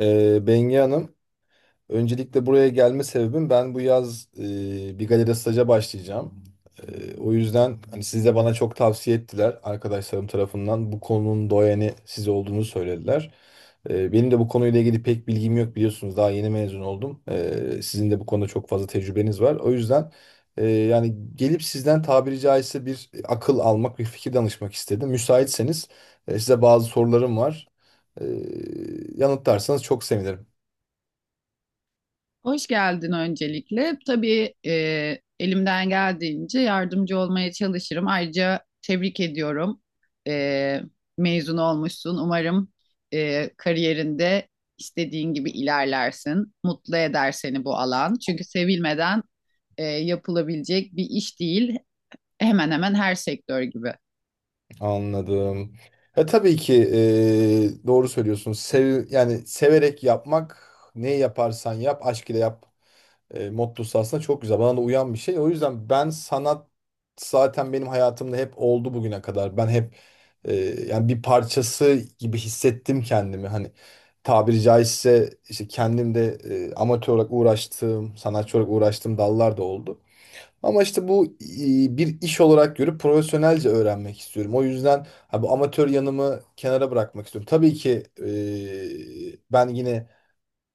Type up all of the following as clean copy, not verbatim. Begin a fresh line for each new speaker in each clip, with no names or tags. Bengi Hanım, öncelikle buraya gelme sebebim, ben bu yaz bir galeride staja başlayacağım. O yüzden hani siz de bana çok tavsiye ettiler arkadaşlarım tarafından. Bu konunun doyeni siz olduğunu söylediler. Benim de bu konuyla ilgili pek bilgim yok, biliyorsunuz. Daha yeni mezun oldum. Sizin de bu konuda çok fazla tecrübeniz var. O yüzden yani gelip sizden tabiri caizse bir akıl almak, bir fikir danışmak istedim. Müsaitseniz size bazı sorularım var. E, yanıtlarsanız çok sevinirim.
Hoş geldin öncelikle. Tabii, elimden geldiğince yardımcı olmaya çalışırım. Ayrıca tebrik ediyorum. E, Mezun olmuşsun. Umarım kariyerinde istediğin gibi ilerlersin. Mutlu eder seni bu alan. Çünkü sevilmeden yapılabilecek bir iş değil. Hemen hemen her sektör gibi.
Anladım. Tabii ki doğru söylüyorsun. Yani severek yapmak, ne yaparsan yap aşk ile yap mottosu aslında çok güzel. Bana da uyan bir şey. O yüzden ben sanat zaten benim hayatımda hep oldu bugüne kadar. Ben hep e, yani bir parçası gibi hissettim kendimi. Hani tabiri caizse işte kendim de amatör olarak uğraştığım, sanatçı olarak uğraştığım dallar da oldu. Ama işte bu bir iş olarak görüp profesyonelce öğrenmek istiyorum. O yüzden bu amatör yanımı kenara bırakmak istiyorum. Tabii ki ben yine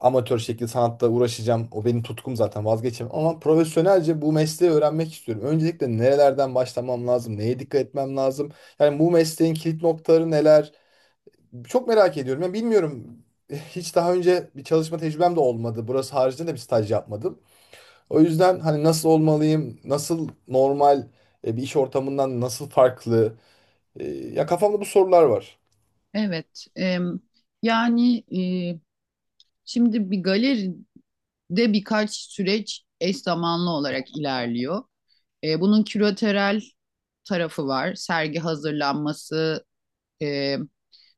amatör şekilde sanatla uğraşacağım. O benim tutkum, zaten vazgeçemem. Ama profesyonelce bu mesleği öğrenmek istiyorum. Öncelikle nerelerden başlamam lazım? Neye dikkat etmem lazım? Yani bu mesleğin kilit noktaları neler? Çok merak ediyorum. Yani bilmiyorum. Hiç daha önce bir çalışma tecrübem de olmadı. Burası haricinde de bir staj yapmadım. O yüzden hani nasıl olmalıyım, nasıl normal bir iş ortamından nasıl farklı? Ya kafamda bu sorular var.
Evet. Yani e, Şimdi bir galeride birkaç süreç eş zamanlı olarak ilerliyor. Bunun küratörel tarafı var. Sergi hazırlanması, e,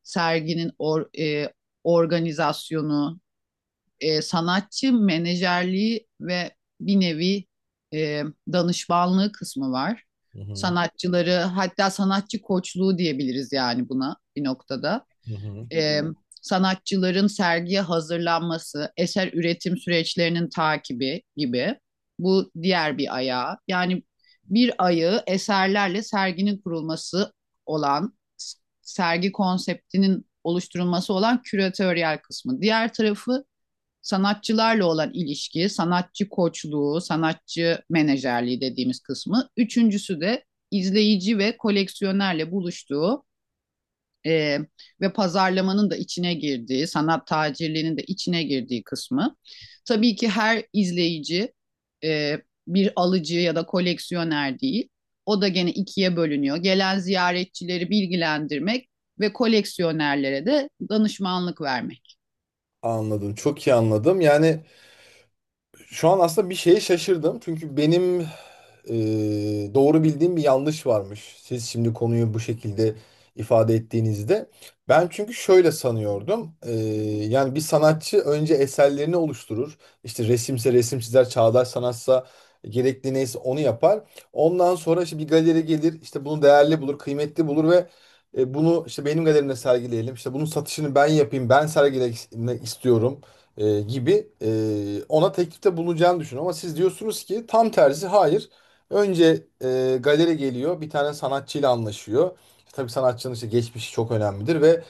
serginin or- e, organizasyonu, sanatçı menajerliği ve bir nevi e, danışmanlığı kısmı var.
Hı hı.
Sanatçıları, hatta sanatçı koçluğu diyebiliriz yani buna bir noktada.
Hı hı.
e, Sanatçıların sergiye hazırlanması, eser üretim süreçlerinin takibi gibi. Bu diğer bir ayağı. Yani bir ayı eserlerle serginin kurulması olan, sergi konseptinin oluşturulması olan küratöryel kısmı. Diğer tarafı sanatçılarla olan ilişki, sanatçı koçluğu, sanatçı menajerliği dediğimiz kısmı. Üçüncüsü de izleyici ve koleksiyonerle buluştuğu, e, ve pazarlamanın da içine girdiği, sanat tacirliğinin de içine girdiği kısmı. Tabii ki her izleyici e, bir alıcı ya da koleksiyoner değil. O da gene ikiye bölünüyor. Gelen ziyaretçileri bilgilendirmek ve koleksiyonerlere de danışmanlık vermek.
Anladım, çok iyi anladım. Yani şu an aslında bir şeye şaşırdım. Çünkü benim e, doğru bildiğim bir yanlış varmış. Siz şimdi konuyu bu şekilde ifade ettiğinizde... Ben çünkü şöyle sanıyordum. Yani bir sanatçı önce eserlerini oluşturur. İşte resimse resim çizer, çağdaş sanatsa gerekli neyse onu yapar. Ondan sonra işte bir galeri gelir, işte bunu değerli bulur, kıymetli bulur ve bunu işte benim galerimde sergileyelim, İşte bunun satışını ben yapayım, ben sergilemek istiyorum gibi ona teklifte bulunacağını düşün. Ama siz diyorsunuz ki tam tersi, hayır. Önce galeri geliyor, bir tane sanatçıyla anlaşıyor. İşte tabii sanatçının işte geçmişi çok önemlidir ve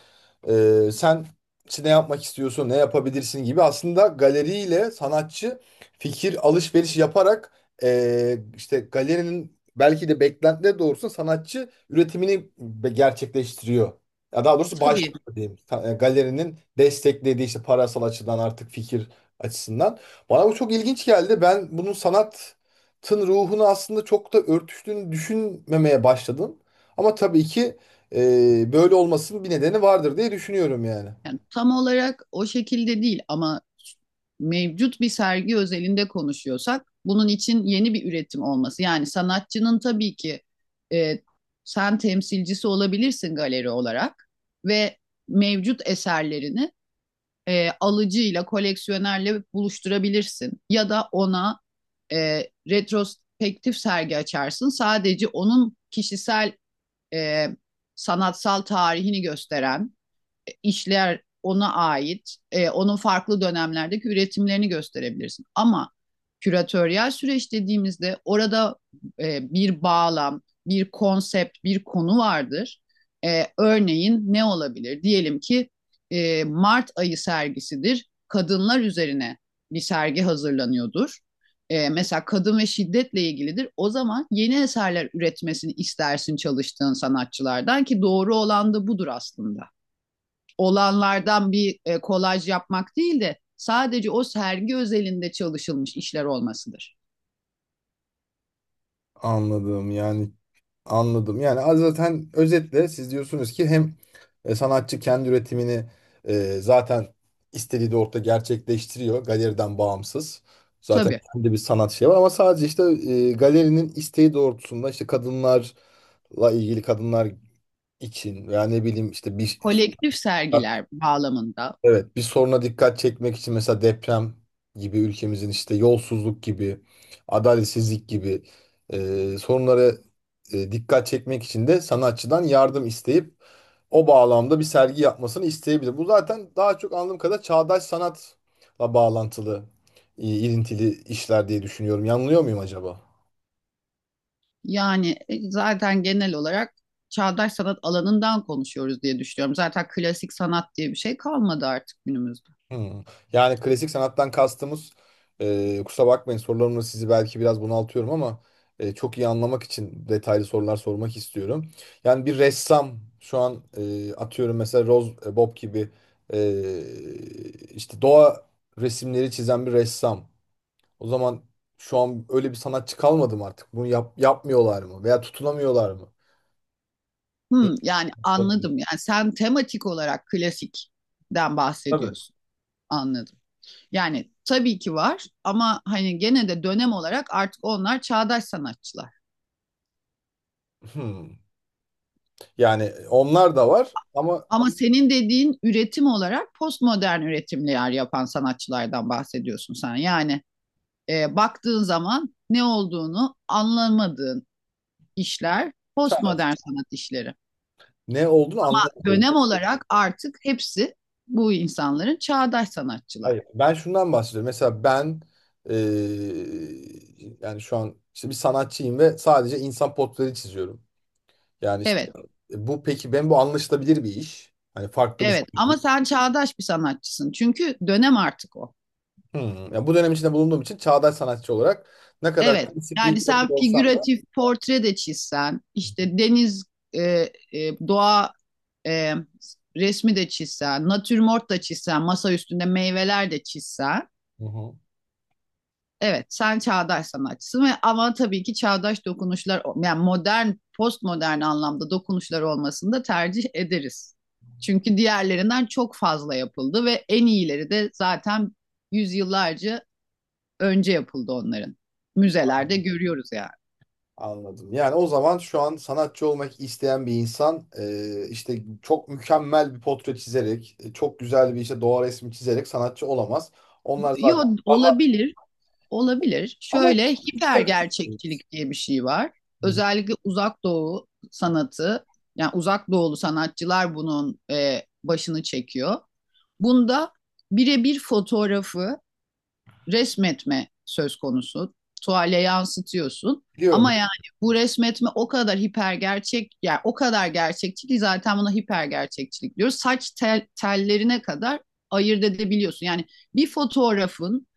sen işte ne yapmak istiyorsun, ne yapabilirsin gibi aslında galeriyle sanatçı fikir alışveriş yaparak işte galerinin belki de beklentileri doğrusunda sanatçı üretimini gerçekleştiriyor. Ya daha doğrusu
Tabii.
başlıyor diyeyim. Galerinin desteklediği, işte parasal açıdan, artık fikir açısından. Bana bu çok ilginç geldi. Ben bunun sanatın ruhunu aslında çok da örtüştüğünü düşünmemeye başladım. Ama tabii ki böyle olmasının bir nedeni vardır diye düşünüyorum yani.
Yani tam olarak o şekilde değil ama mevcut bir sergi özelinde konuşuyorsak bunun için yeni bir üretim olması. Yani sanatçının tabii ki, e, sen temsilcisi olabilirsin galeri olarak ve mevcut eserlerini alıcıyla, koleksiyonerle buluşturabilirsin. Ya da ona e, retrospektif sergi açarsın. Sadece onun kişisel e, sanatsal tarihini gösteren işler ona ait, onun farklı dönemlerdeki üretimlerini gösterebilirsin. Ama küratöryel süreç dediğimizde orada bir bağlam, bir konsept, bir konu vardır. Örneğin ne olabilir? Diyelim ki Mart ayı sergisidir. Kadınlar üzerine bir sergi hazırlanıyordur. Mesela kadın ve şiddetle ilgilidir. O zaman yeni eserler üretmesini istersin çalıştığın sanatçılardan, ki doğru olan da budur aslında, olanlardan bir kolaj yapmak değil de sadece o sergi özelinde çalışılmış işler olmasıdır.
Anladım, yani anladım. Yani az zaten özetle siz diyorsunuz ki hem sanatçı kendi üretimini zaten istediği de orada gerçekleştiriyor galeriden bağımsız. Zaten
Tabii,
kendi bir sanat şey var, ama sadece işte galerinin isteği doğrultusunda işte kadınlarla ilgili, kadınlar için veya ne bileyim işte bir,
kolektif sergiler bağlamında.
evet, bir soruna dikkat çekmek için, mesela deprem gibi, ülkemizin işte yolsuzluk gibi, adaletsizlik gibi sorunlara dikkat çekmek için de sanatçıdan yardım isteyip o bağlamda bir sergi yapmasını isteyebilir. Bu zaten daha çok, anladığım kadar, çağdaş sanatla bağlantılı, ilintili işler diye düşünüyorum. Yanılıyor muyum acaba?
Yani zaten genel olarak çağdaş sanat alanından konuşuyoruz diye düşünüyorum. Zaten klasik sanat diye bir şey kalmadı artık günümüzde.
Hmm. Yani klasik sanattan kastımız... Kusura bakmayın, sorularımla sizi belki biraz bunaltıyorum ama çok iyi anlamak için detaylı sorular sormak istiyorum. Yani bir ressam şu an, atıyorum mesela Rose Bob gibi, işte doğa resimleri çizen bir ressam. O zaman şu an öyle bir sanatçı kalmadı mı artık? Bunu yapmıyorlar mı? Veya tutunamıyorlar mı? Ne-
Hmm, yani anladım. Yani sen tematik olarak klasikten
Tabii.
bahsediyorsun. Anladım. Yani tabii ki var ama hani gene de dönem olarak artık onlar çağdaş sanatçılar.
Hmm. Yani onlar da var ama
Ama senin dediğin üretim olarak postmodern üretimler yapan sanatçılardan bahsediyorsun sen. Yani baktığın zaman ne olduğunu anlamadığın işler
çağlar...
postmodern sanat işleri.
Ne olduğunu anlamadım.
Dönem olarak artık hepsi bu insanların çağdaş sanatçılar.
Hayır, ben şundan bahsediyorum. Mesela ben yani şu an işte bir sanatçıyım ve sadece insan portreleri çiziyorum. Yani işte,
Evet,
bu peki, ben bu anlaşılabilir bir iş. Hani farklı bir şey.
evet, ama sen çağdaş bir sanatçısın. Çünkü dönem artık o.
Hmm. Yani bu dönem içinde bulunduğum için çağdaş sanatçı olarak ne kadar
Evet,
klasik bir
yani
iş yapıyor
sen
olsam da...
figüratif portre de çizsen, işte deniz, e, doğa e, resmi de çizsen, natürmort da çizsen, masa üstünde meyveler de çizsen.
Hı hı.
Evet, sen çağdaş sanatçısın ve ama tabii ki çağdaş dokunuşlar, yani modern, postmodern anlamda dokunuşlar olmasını da tercih ederiz. Çünkü diğerlerinden çok fazla yapıldı ve en iyileri de zaten yüzyıllarca önce yapıldı onların. Müzelerde görüyoruz yani.
Anladım. Yani o zaman şu an sanatçı olmak isteyen bir insan, işte çok mükemmel bir portre çizerek, çok güzel bir işte doğa resmi çizerek sanatçı olamaz. Onlar
Yo,
zaten daha...
olabilir. Olabilir.
Ama
Şöyle hiper
dikkat edin.
gerçekçilik diye bir şey var.
Hı hı.
Özellikle uzak doğu sanatı, yani uzak doğulu sanatçılar bunun başını çekiyor. Bunda birebir fotoğrafı resmetme söz konusu. Tuvale yansıtıyorsun.
Biliyorum.
Ama yani bu resmetme o kadar hiper gerçek, yani o kadar gerçekçi ki zaten buna hiper gerçekçilik diyoruz. Saç tellerine kadar ayırt edebiliyorsun. Yani bir fotoğrafın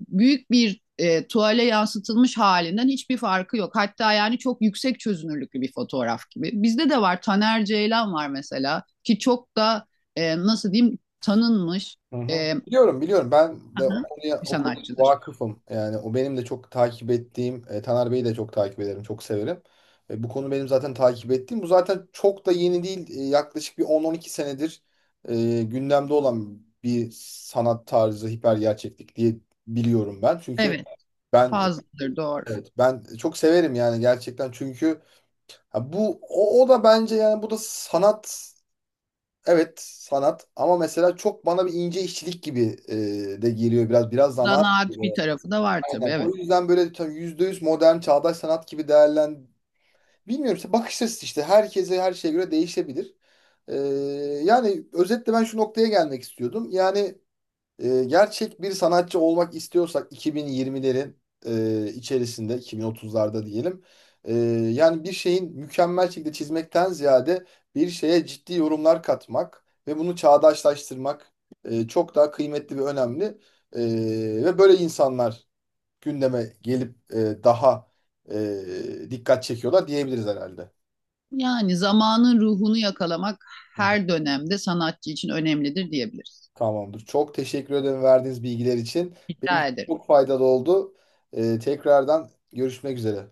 büyük bir tuvale yansıtılmış halinden hiçbir farkı yok. Hatta yani çok yüksek çözünürlüklü bir fotoğraf gibi. Bizde de var, Taner Ceylan var mesela, ki çok da nasıl diyeyim, tanınmış
Hı hı.
e,
Biliyorum, biliyorum. Ben de o konuya,
bir
o konuya
sanatçıdır.
vakıfım. Yani o benim de çok takip ettiğim, Taner Bey'i de çok takip ederim, çok severim. Bu konu benim zaten takip ettiğim. Bu zaten çok da yeni değil. Yaklaşık bir 10-12 senedir gündemde olan bir sanat tarzı, hiper gerçeklik diye biliyorum ben. Çünkü
Evet,
ben
fazladır, doğru.
evet, ben çok severim yani, gerçekten. Çünkü ha bu o, o da bence, yani bu da sanat. Evet, sanat ama mesela çok bana bir ince işçilik gibi de geliyor, biraz biraz zanaat
Zanaat bir
gibi.
tarafı da var tabii,
Aynen. O
evet.
yüzden böyle tam %100 modern çağdaş sanat gibi bilmiyorum işte, bakış açısı işte herkese, her şeye göre değişebilir. E, yani özetle ben şu noktaya gelmek istiyordum. Yani gerçek bir sanatçı olmak istiyorsak 2020'lerin içerisinde, 2030'larda diyelim. E, yani bir şeyin mükemmel şekilde çizmekten ziyade, bir şeye ciddi yorumlar katmak ve bunu çağdaşlaştırmak çok daha kıymetli ve önemli. E, ve böyle insanlar gündeme gelip daha dikkat çekiyorlar diyebiliriz herhalde.
Yani zamanın ruhunu yakalamak her dönemde sanatçı için önemlidir diyebiliriz.
Tamamdır. Çok teşekkür ederim verdiğiniz bilgiler için. Benim
Rica
için
ederim.
çok faydalı oldu. Tekrardan görüşmek üzere.